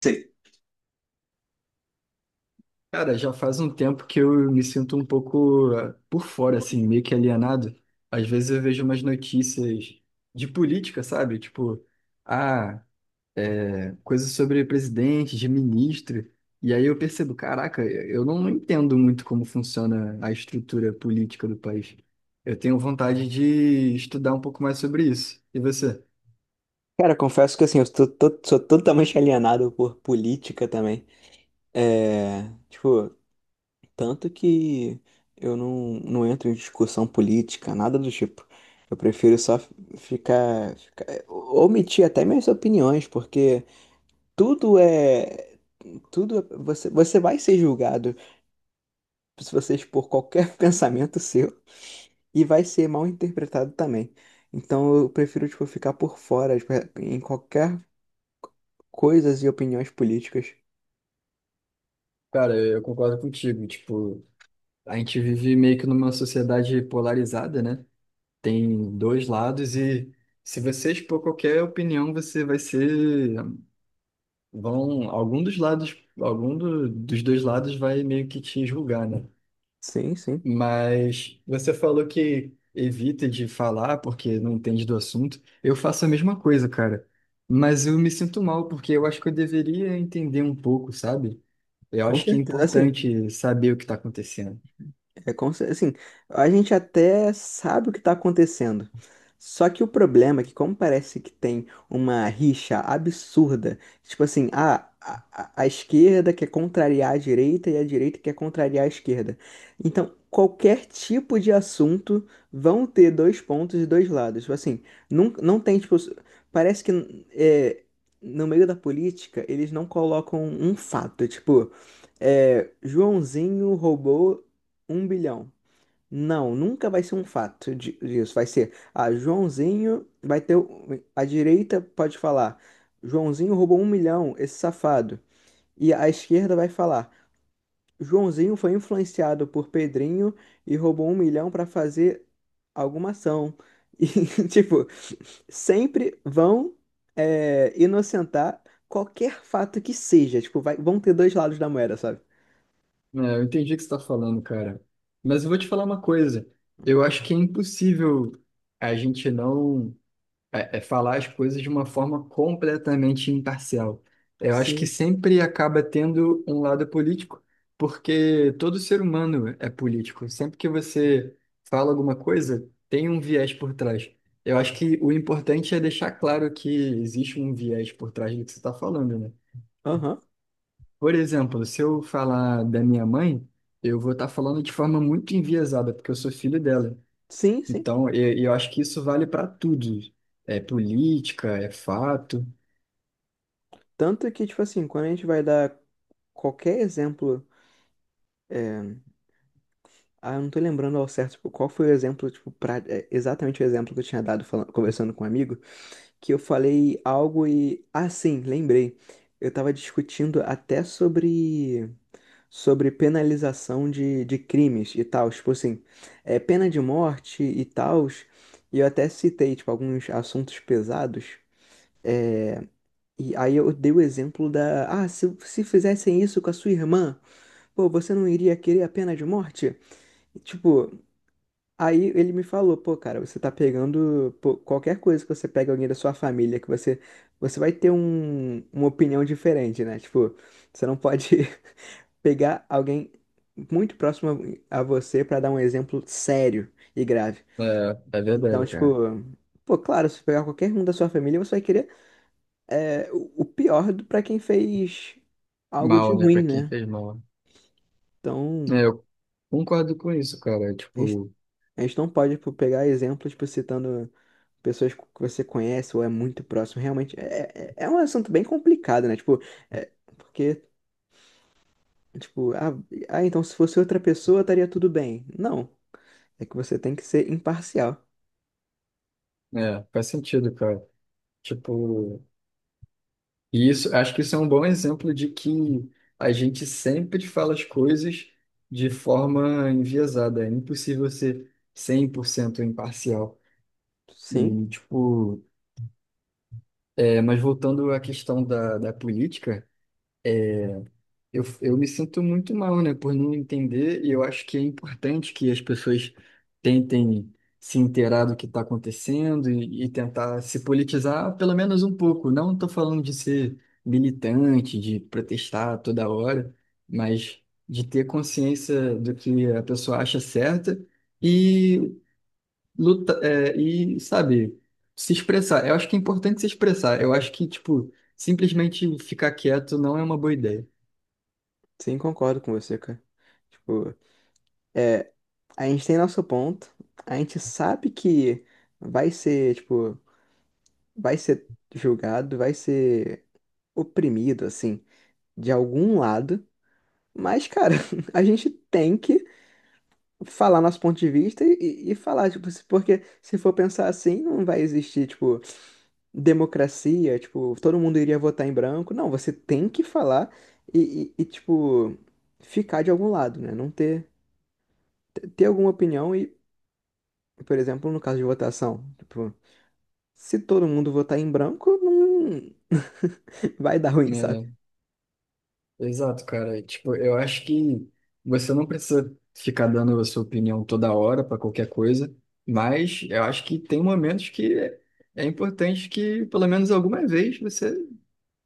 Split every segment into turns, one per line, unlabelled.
Sei.
Cara, já faz um tempo que eu me sinto um pouco por fora, assim, meio que alienado. Às vezes eu vejo umas notícias de política, sabe? Tipo, ah, coisas sobre presidente, de ministro. E aí eu percebo, caraca, eu não entendo muito como funciona a estrutura política do país. Eu tenho vontade de estudar um pouco mais sobre isso. E você?
Cara, confesso que assim, eu sou, sou totalmente alienado por política também. É, tipo, tanto que eu não entro em discussão política, nada do tipo. Eu prefiro só omitir até minhas opiniões, porque tudo é, você vai ser julgado se você expor qualquer pensamento seu e vai ser mal interpretado também. Então eu prefiro, tipo, ficar por fora, tipo, em qualquer coisas e opiniões políticas.
Cara, eu concordo contigo. Tipo, a gente vive meio que numa sociedade polarizada, né? Tem dois lados e se você expor qualquer opinião, você vai ser, vão, algum dos lados, dos dois lados vai meio que te julgar, né?
Sim, sim.
Mas você falou que evita de falar porque não entende do assunto. Eu faço a mesma coisa, cara. Mas eu me sinto mal porque eu acho que eu deveria entender um pouco, sabe? Eu
Com
acho que é
certeza. Assim,
importante saber o que está acontecendo.
é como se, assim, a gente até sabe o que está acontecendo. Só que o problema é que, como parece que tem uma rixa absurda, tipo assim, ah, a esquerda quer contrariar a direita e a direita quer contrariar a esquerda. Então, qualquer tipo de assunto vão ter dois pontos e dois lados. Tipo assim, não tem, tipo, parece que é, no meio da política eles não colocam um fato. Tipo, é, Joãozinho roubou um bilhão. Não, nunca vai ser um fato disso. Vai ser, ah, Joãozinho vai ter. A direita pode falar, Joãozinho roubou um milhão, esse safado. E a esquerda vai falar, Joãozinho foi influenciado por Pedrinho e roubou um milhão para fazer alguma ação. E, tipo, sempre vão é, inocentar qualquer fato que seja. Tipo, vão ter dois lados da moeda, sabe?
É, eu entendi o que você está falando, cara. Mas eu vou te falar uma coisa. Eu acho que é impossível a gente não falar as coisas de uma forma completamente imparcial. Eu acho que
Sim.
sempre acaba tendo um lado político, porque todo ser humano é político. Sempre que você fala alguma coisa, tem um viés por trás. Eu acho que o importante é deixar claro que existe um viés por trás do que você está falando, né?
Aham.
Por exemplo, se eu falar da minha mãe, eu vou estar falando de forma muito enviesada, porque eu sou filho dela.
Sim, sim.
Então, eu acho que isso vale para tudo. É política, é fato.
Tanto que, tipo assim, quando a gente vai dar qualquer exemplo, ah, eu não tô lembrando ao certo, tipo, qual foi o exemplo, tipo, pra, é, exatamente o exemplo que eu tinha dado falando, conversando com um amigo, que eu falei algo e, ah, sim, lembrei. Eu tava discutindo até sobre penalização de crimes e tal, tipo assim, é, pena de morte e tal, e eu até citei, tipo, alguns assuntos pesados. E aí eu dei o exemplo da, ah, se fizessem isso com a sua irmã, pô, você não iria querer a pena de morte? E, tipo, aí ele me falou, pô, cara, você tá pegando, pô, qualquer coisa que você pega alguém da sua família, que você, você vai ter um, uma opinião diferente, né? Tipo, você não pode pegar alguém muito próximo a você pra dar um exemplo sério e grave.
É, é
Então,
verdade,
tipo,
cara.
pô, claro, se pegar qualquer um da sua família, você vai querer é, o pior pra quem fez algo de
Mal, né? Para
ruim,
quem
né?
fez mal.
Então,
É, eu concordo com isso, cara.
a gente
Tipo,
a gente não pode, tipo, pegar exemplos, tipo, citando pessoas que você conhece ou é muito próximo. Realmente, é, é um assunto bem complicado, né? Tipo, é, porque, tipo, ah, ah, então se fosse outra pessoa estaria tudo bem. Não, é que você tem que ser imparcial.
faz sentido, cara. Tipo, e isso, acho que isso é um bom exemplo de que a gente sempre fala as coisas de forma enviesada. É impossível ser 100% imparcial. E,
Sim,
tipo, mas voltando à questão da política, eu me sinto muito mal, né, por não entender, e eu acho que é importante que as pessoas tentem se inteirar do que está acontecendo e tentar se politizar pelo menos um pouco. Não estou falando de ser militante, de protestar toda hora, mas de ter consciência do que a pessoa acha certa e luta, e, sabe, se expressar. Eu acho que é importante se expressar. Eu acho que, tipo, simplesmente ficar quieto não é uma boa ideia.
sim, concordo com você, cara. Tipo, é, a gente tem nosso ponto, a gente sabe que vai ser, tipo, vai ser julgado, vai ser oprimido, assim, de algum lado. Mas, cara, a gente tem que falar nosso ponto de vista e falar, tipo, porque se for pensar assim, não vai existir, tipo, democracia, tipo, todo mundo iria votar em branco. Não, você tem que falar e, tipo, ficar de algum lado, né? Não ter, ter alguma opinião e, por exemplo, no caso de votação, tipo, se todo mundo votar em branco, não vai dar ruim, sabe?
É, exato, cara. Tipo, eu acho que você não precisa ficar dando a sua opinião toda hora para qualquer coisa, mas eu acho que tem momentos que é importante que, pelo menos alguma vez, você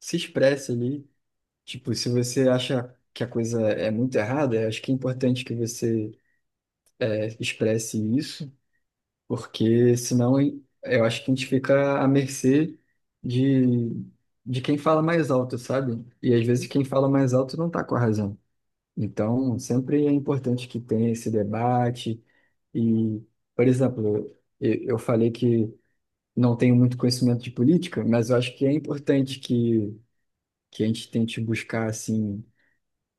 se expresse ali. Tipo, se você acha que a coisa é muito errada, eu acho que é importante que você expresse isso. Porque senão eu acho que a gente fica à mercê de, de, quem fala mais alto, sabe? E às vezes quem fala mais alto não está com a razão. Então, sempre é importante que tenha esse debate. E, por exemplo, eu falei que não tenho muito conhecimento de política, mas eu acho que é importante que a gente tente buscar, assim,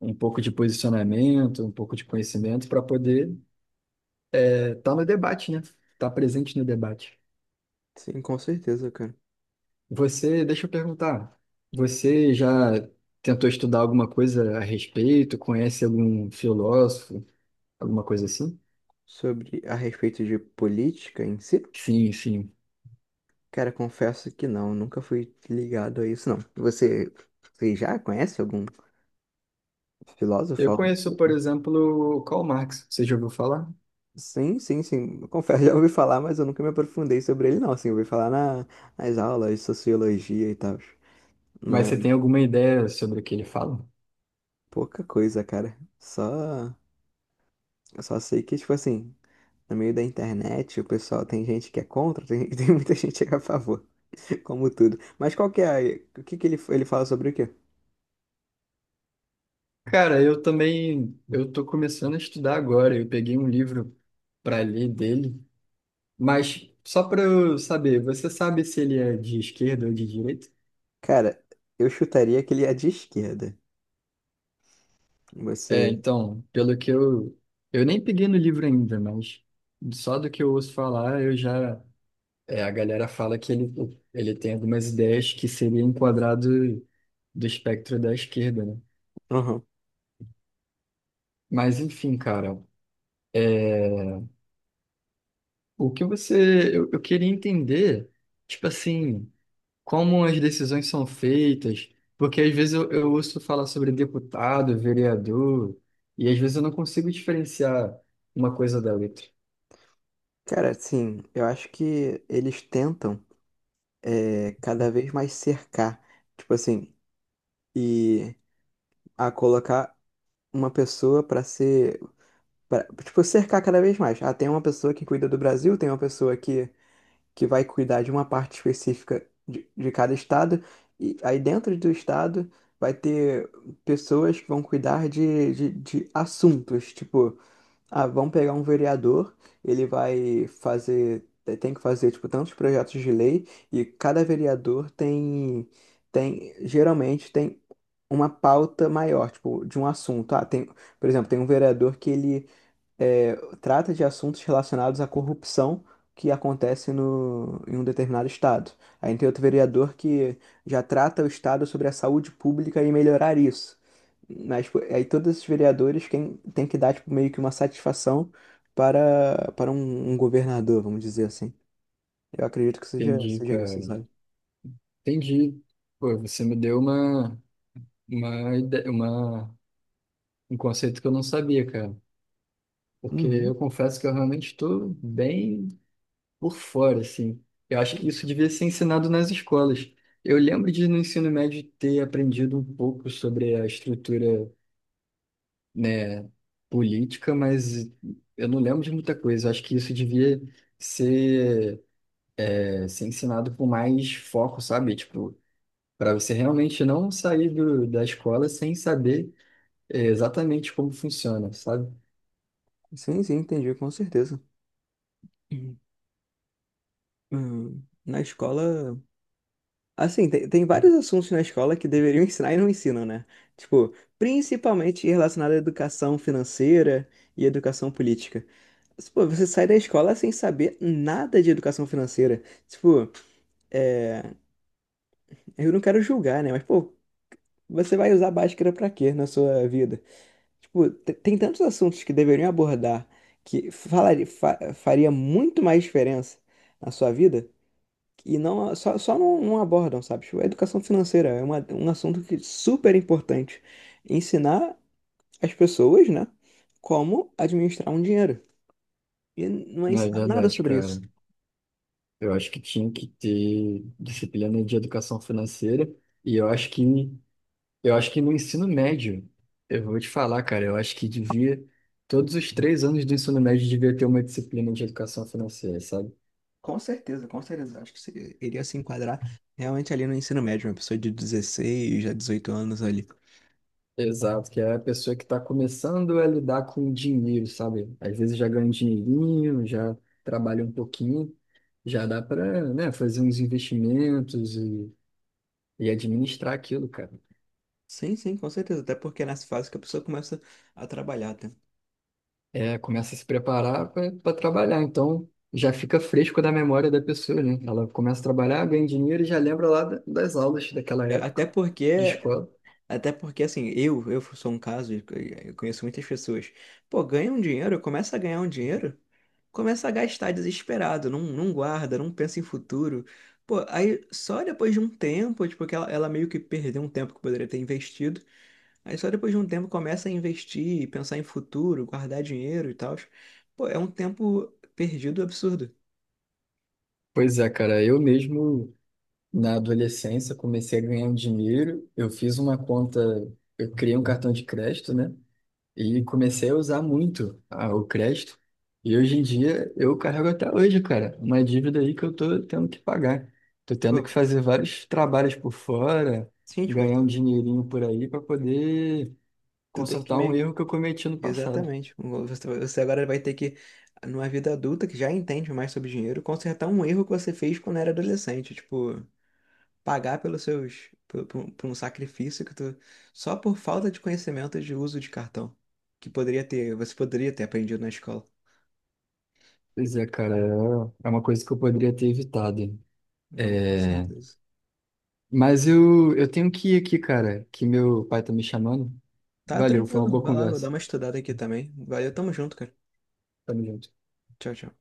um pouco de posicionamento, um pouco de conhecimento para poder estar no debate, né? Estar presente no debate.
Sim, com certeza, cara.
Você, deixa eu perguntar, você já tentou estudar alguma coisa a respeito? Conhece algum filósofo, alguma coisa assim?
Sobre a respeito de política em si.
Sim, sim.
Cara, confesso que não, nunca fui ligado a isso, não. Você, você já conhece algum filósofo?
Eu
Algo do
conheço, por
tipo?
exemplo, o Karl Marx, você já ouviu falar?
Sim, sim, sim. Eu confesso, já ouvi falar, mas eu nunca me aprofundei sobre ele, não. Assim, eu ouvi falar na, nas aulas de sociologia e tal.
Mas você tem
Mas
alguma ideia sobre o que ele fala?
pouca coisa, cara. Só, eu só sei que, tipo assim, no meio da internet, o pessoal tem gente que é contra, tem, tem muita gente que é a favor. Como tudo. Mas qual que é a, o que que ele fala sobre o quê?
Cara, eu também, eu tô começando a estudar agora, eu peguei um livro para ler dele, mas só para eu saber, você sabe se ele é de esquerda ou de direita?
Cara, eu chutaria que ele é de esquerda.
É,
Você.
então, pelo que eu. Eu nem peguei no livro ainda, mas só do que eu ouço falar, eu já. É, a galera fala que ele tem algumas ideias que seria enquadrado do espectro da esquerda, né?
Aham.
Mas, enfim, cara, o que você. Eu queria entender, tipo assim, como as decisões são feitas, porque às vezes eu ouço falar sobre deputado, vereador, e às vezes eu não consigo diferenciar uma coisa da outra.
Cara, assim, eu acho que eles tentam é, cada vez mais cercar, tipo assim, e a colocar uma pessoa pra ser, pra, tipo, cercar cada vez mais. Ah, tem uma pessoa que cuida do Brasil, tem uma pessoa que vai cuidar de uma parte específica de cada estado, e aí dentro do estado vai ter pessoas que vão cuidar de, de assuntos, tipo. Ah, vamos pegar um vereador, ele vai fazer, tem que fazer, tipo, tantos projetos de lei, e cada vereador tem, tem, geralmente tem uma pauta maior, tipo, de um assunto. Ah, tem, por exemplo, tem um vereador que ele é, trata de assuntos relacionados à corrupção que acontece no, em um determinado estado. Aí tem outro vereador que já trata o estado sobre a saúde pública e melhorar isso. Mas pô, aí todos esses vereadores quem tem que dar tipo, meio que uma satisfação para um, um governador, vamos dizer assim. Eu acredito que seja,
Entendi,
seja
cara.
isso, sabe?
Entendi. Pô, você me deu uma, ide- uma, um conceito que eu não sabia, cara. Porque
Uhum.
eu confesso que eu realmente estou bem por fora, assim. Eu acho que isso devia ser ensinado nas escolas. Eu lembro de, no ensino médio, ter aprendido um pouco sobre a estrutura, né, política, mas eu não lembro de muita coisa. Eu acho que isso devia ser, ser ensinado com mais foco, sabe? Tipo, para você realmente não sair do, da escola sem saber. É exatamente como funciona, sabe?
Sim, sim, entendi, com certeza. Uhum. Na escola assim, tem, tem vários assuntos na escola que deveriam ensinar e não ensinam, né? Tipo, principalmente relacionado à educação financeira e educação política. Pô, você sai da escola sem saber nada de educação financeira. Tipo, eu não quero julgar, né? Mas, pô, você vai usar báscara pra quê na sua vida? Tipo, tem tantos assuntos que deveriam abordar que falaria, faria muito mais diferença na sua vida e não, só, só não abordam, sabe? Tipo, a educação financeira é uma, um assunto que super importante. Ensinar as pessoas, né, como administrar um dinheiro. E não é
Não, é
ensinado nada
verdade,
sobre isso.
cara. Eu acho que tinha que ter disciplina de educação financeira e eu acho que no ensino médio, eu vou te falar, cara, eu acho que devia todos os 3 anos do ensino médio devia ter uma disciplina de educação financeira, sabe?
Com certeza, com certeza. Acho que iria se enquadrar realmente ali no ensino médio, uma pessoa de 16 a 18 anos ali.
Exato, que é a pessoa que está começando a lidar com o dinheiro, sabe? Às vezes já ganha um dinheirinho, já trabalha um pouquinho, já dá para, né, fazer uns investimentos e administrar aquilo, cara.
Sim, sim, com certeza. Até porque é nessa fase que a pessoa começa a trabalhar, tá?
É, começa a se preparar para trabalhar. Então, já fica fresco da memória da pessoa, né? Ela começa a trabalhar, ganha dinheiro e já lembra lá das aulas daquela
É,
época
Até porque
de escola.
Até porque, assim, eu sou um caso, e eu conheço muitas pessoas. Pô, ganha um dinheiro, começa a ganhar um dinheiro, começa a gastar desesperado, não guarda, não pensa em futuro. Pô, aí só depois de um tempo, tipo, que ela meio que perdeu um tempo que poderia ter investido. Aí só depois de um tempo começa a investir, pensar em futuro, guardar dinheiro e tal. Pô, é um tempo perdido absurdo.
Pois é, cara, eu mesmo na adolescência comecei a ganhar um dinheiro. Eu fiz uma conta, eu criei um cartão de crédito, né? E comecei a usar muito o crédito. E hoje em dia eu carrego até hoje, cara, uma dívida aí que eu tô tendo que pagar. Tô tendo que
Pô,
fazer vários trabalhos por fora,
sim, tipo,
ganhar um
tu,
dinheirinho por aí para poder
tu tem que
consertar um
meio
erro que eu cometi no passado.
exatamente. Você agora vai ter que, numa vida adulta que já entende mais sobre dinheiro, consertar um erro que você fez quando era adolescente. Tipo, pagar pelos seus, por, por um sacrifício que tu, só por falta de conhecimento de uso de cartão, que poderia ter, você poderia ter aprendido na escola.
Pois é, cara, é uma coisa que eu poderia ter evitado.
Não, com
É...
certeza.
Mas eu tenho que ir aqui, cara, que meu pai tá me chamando.
Tá
Valeu, foi uma
tranquilo,
boa
vai lá, vou dar
conversa.
uma estudada aqui também. Valeu, tamo junto, cara.
Tamo junto.
Tchau, tchau.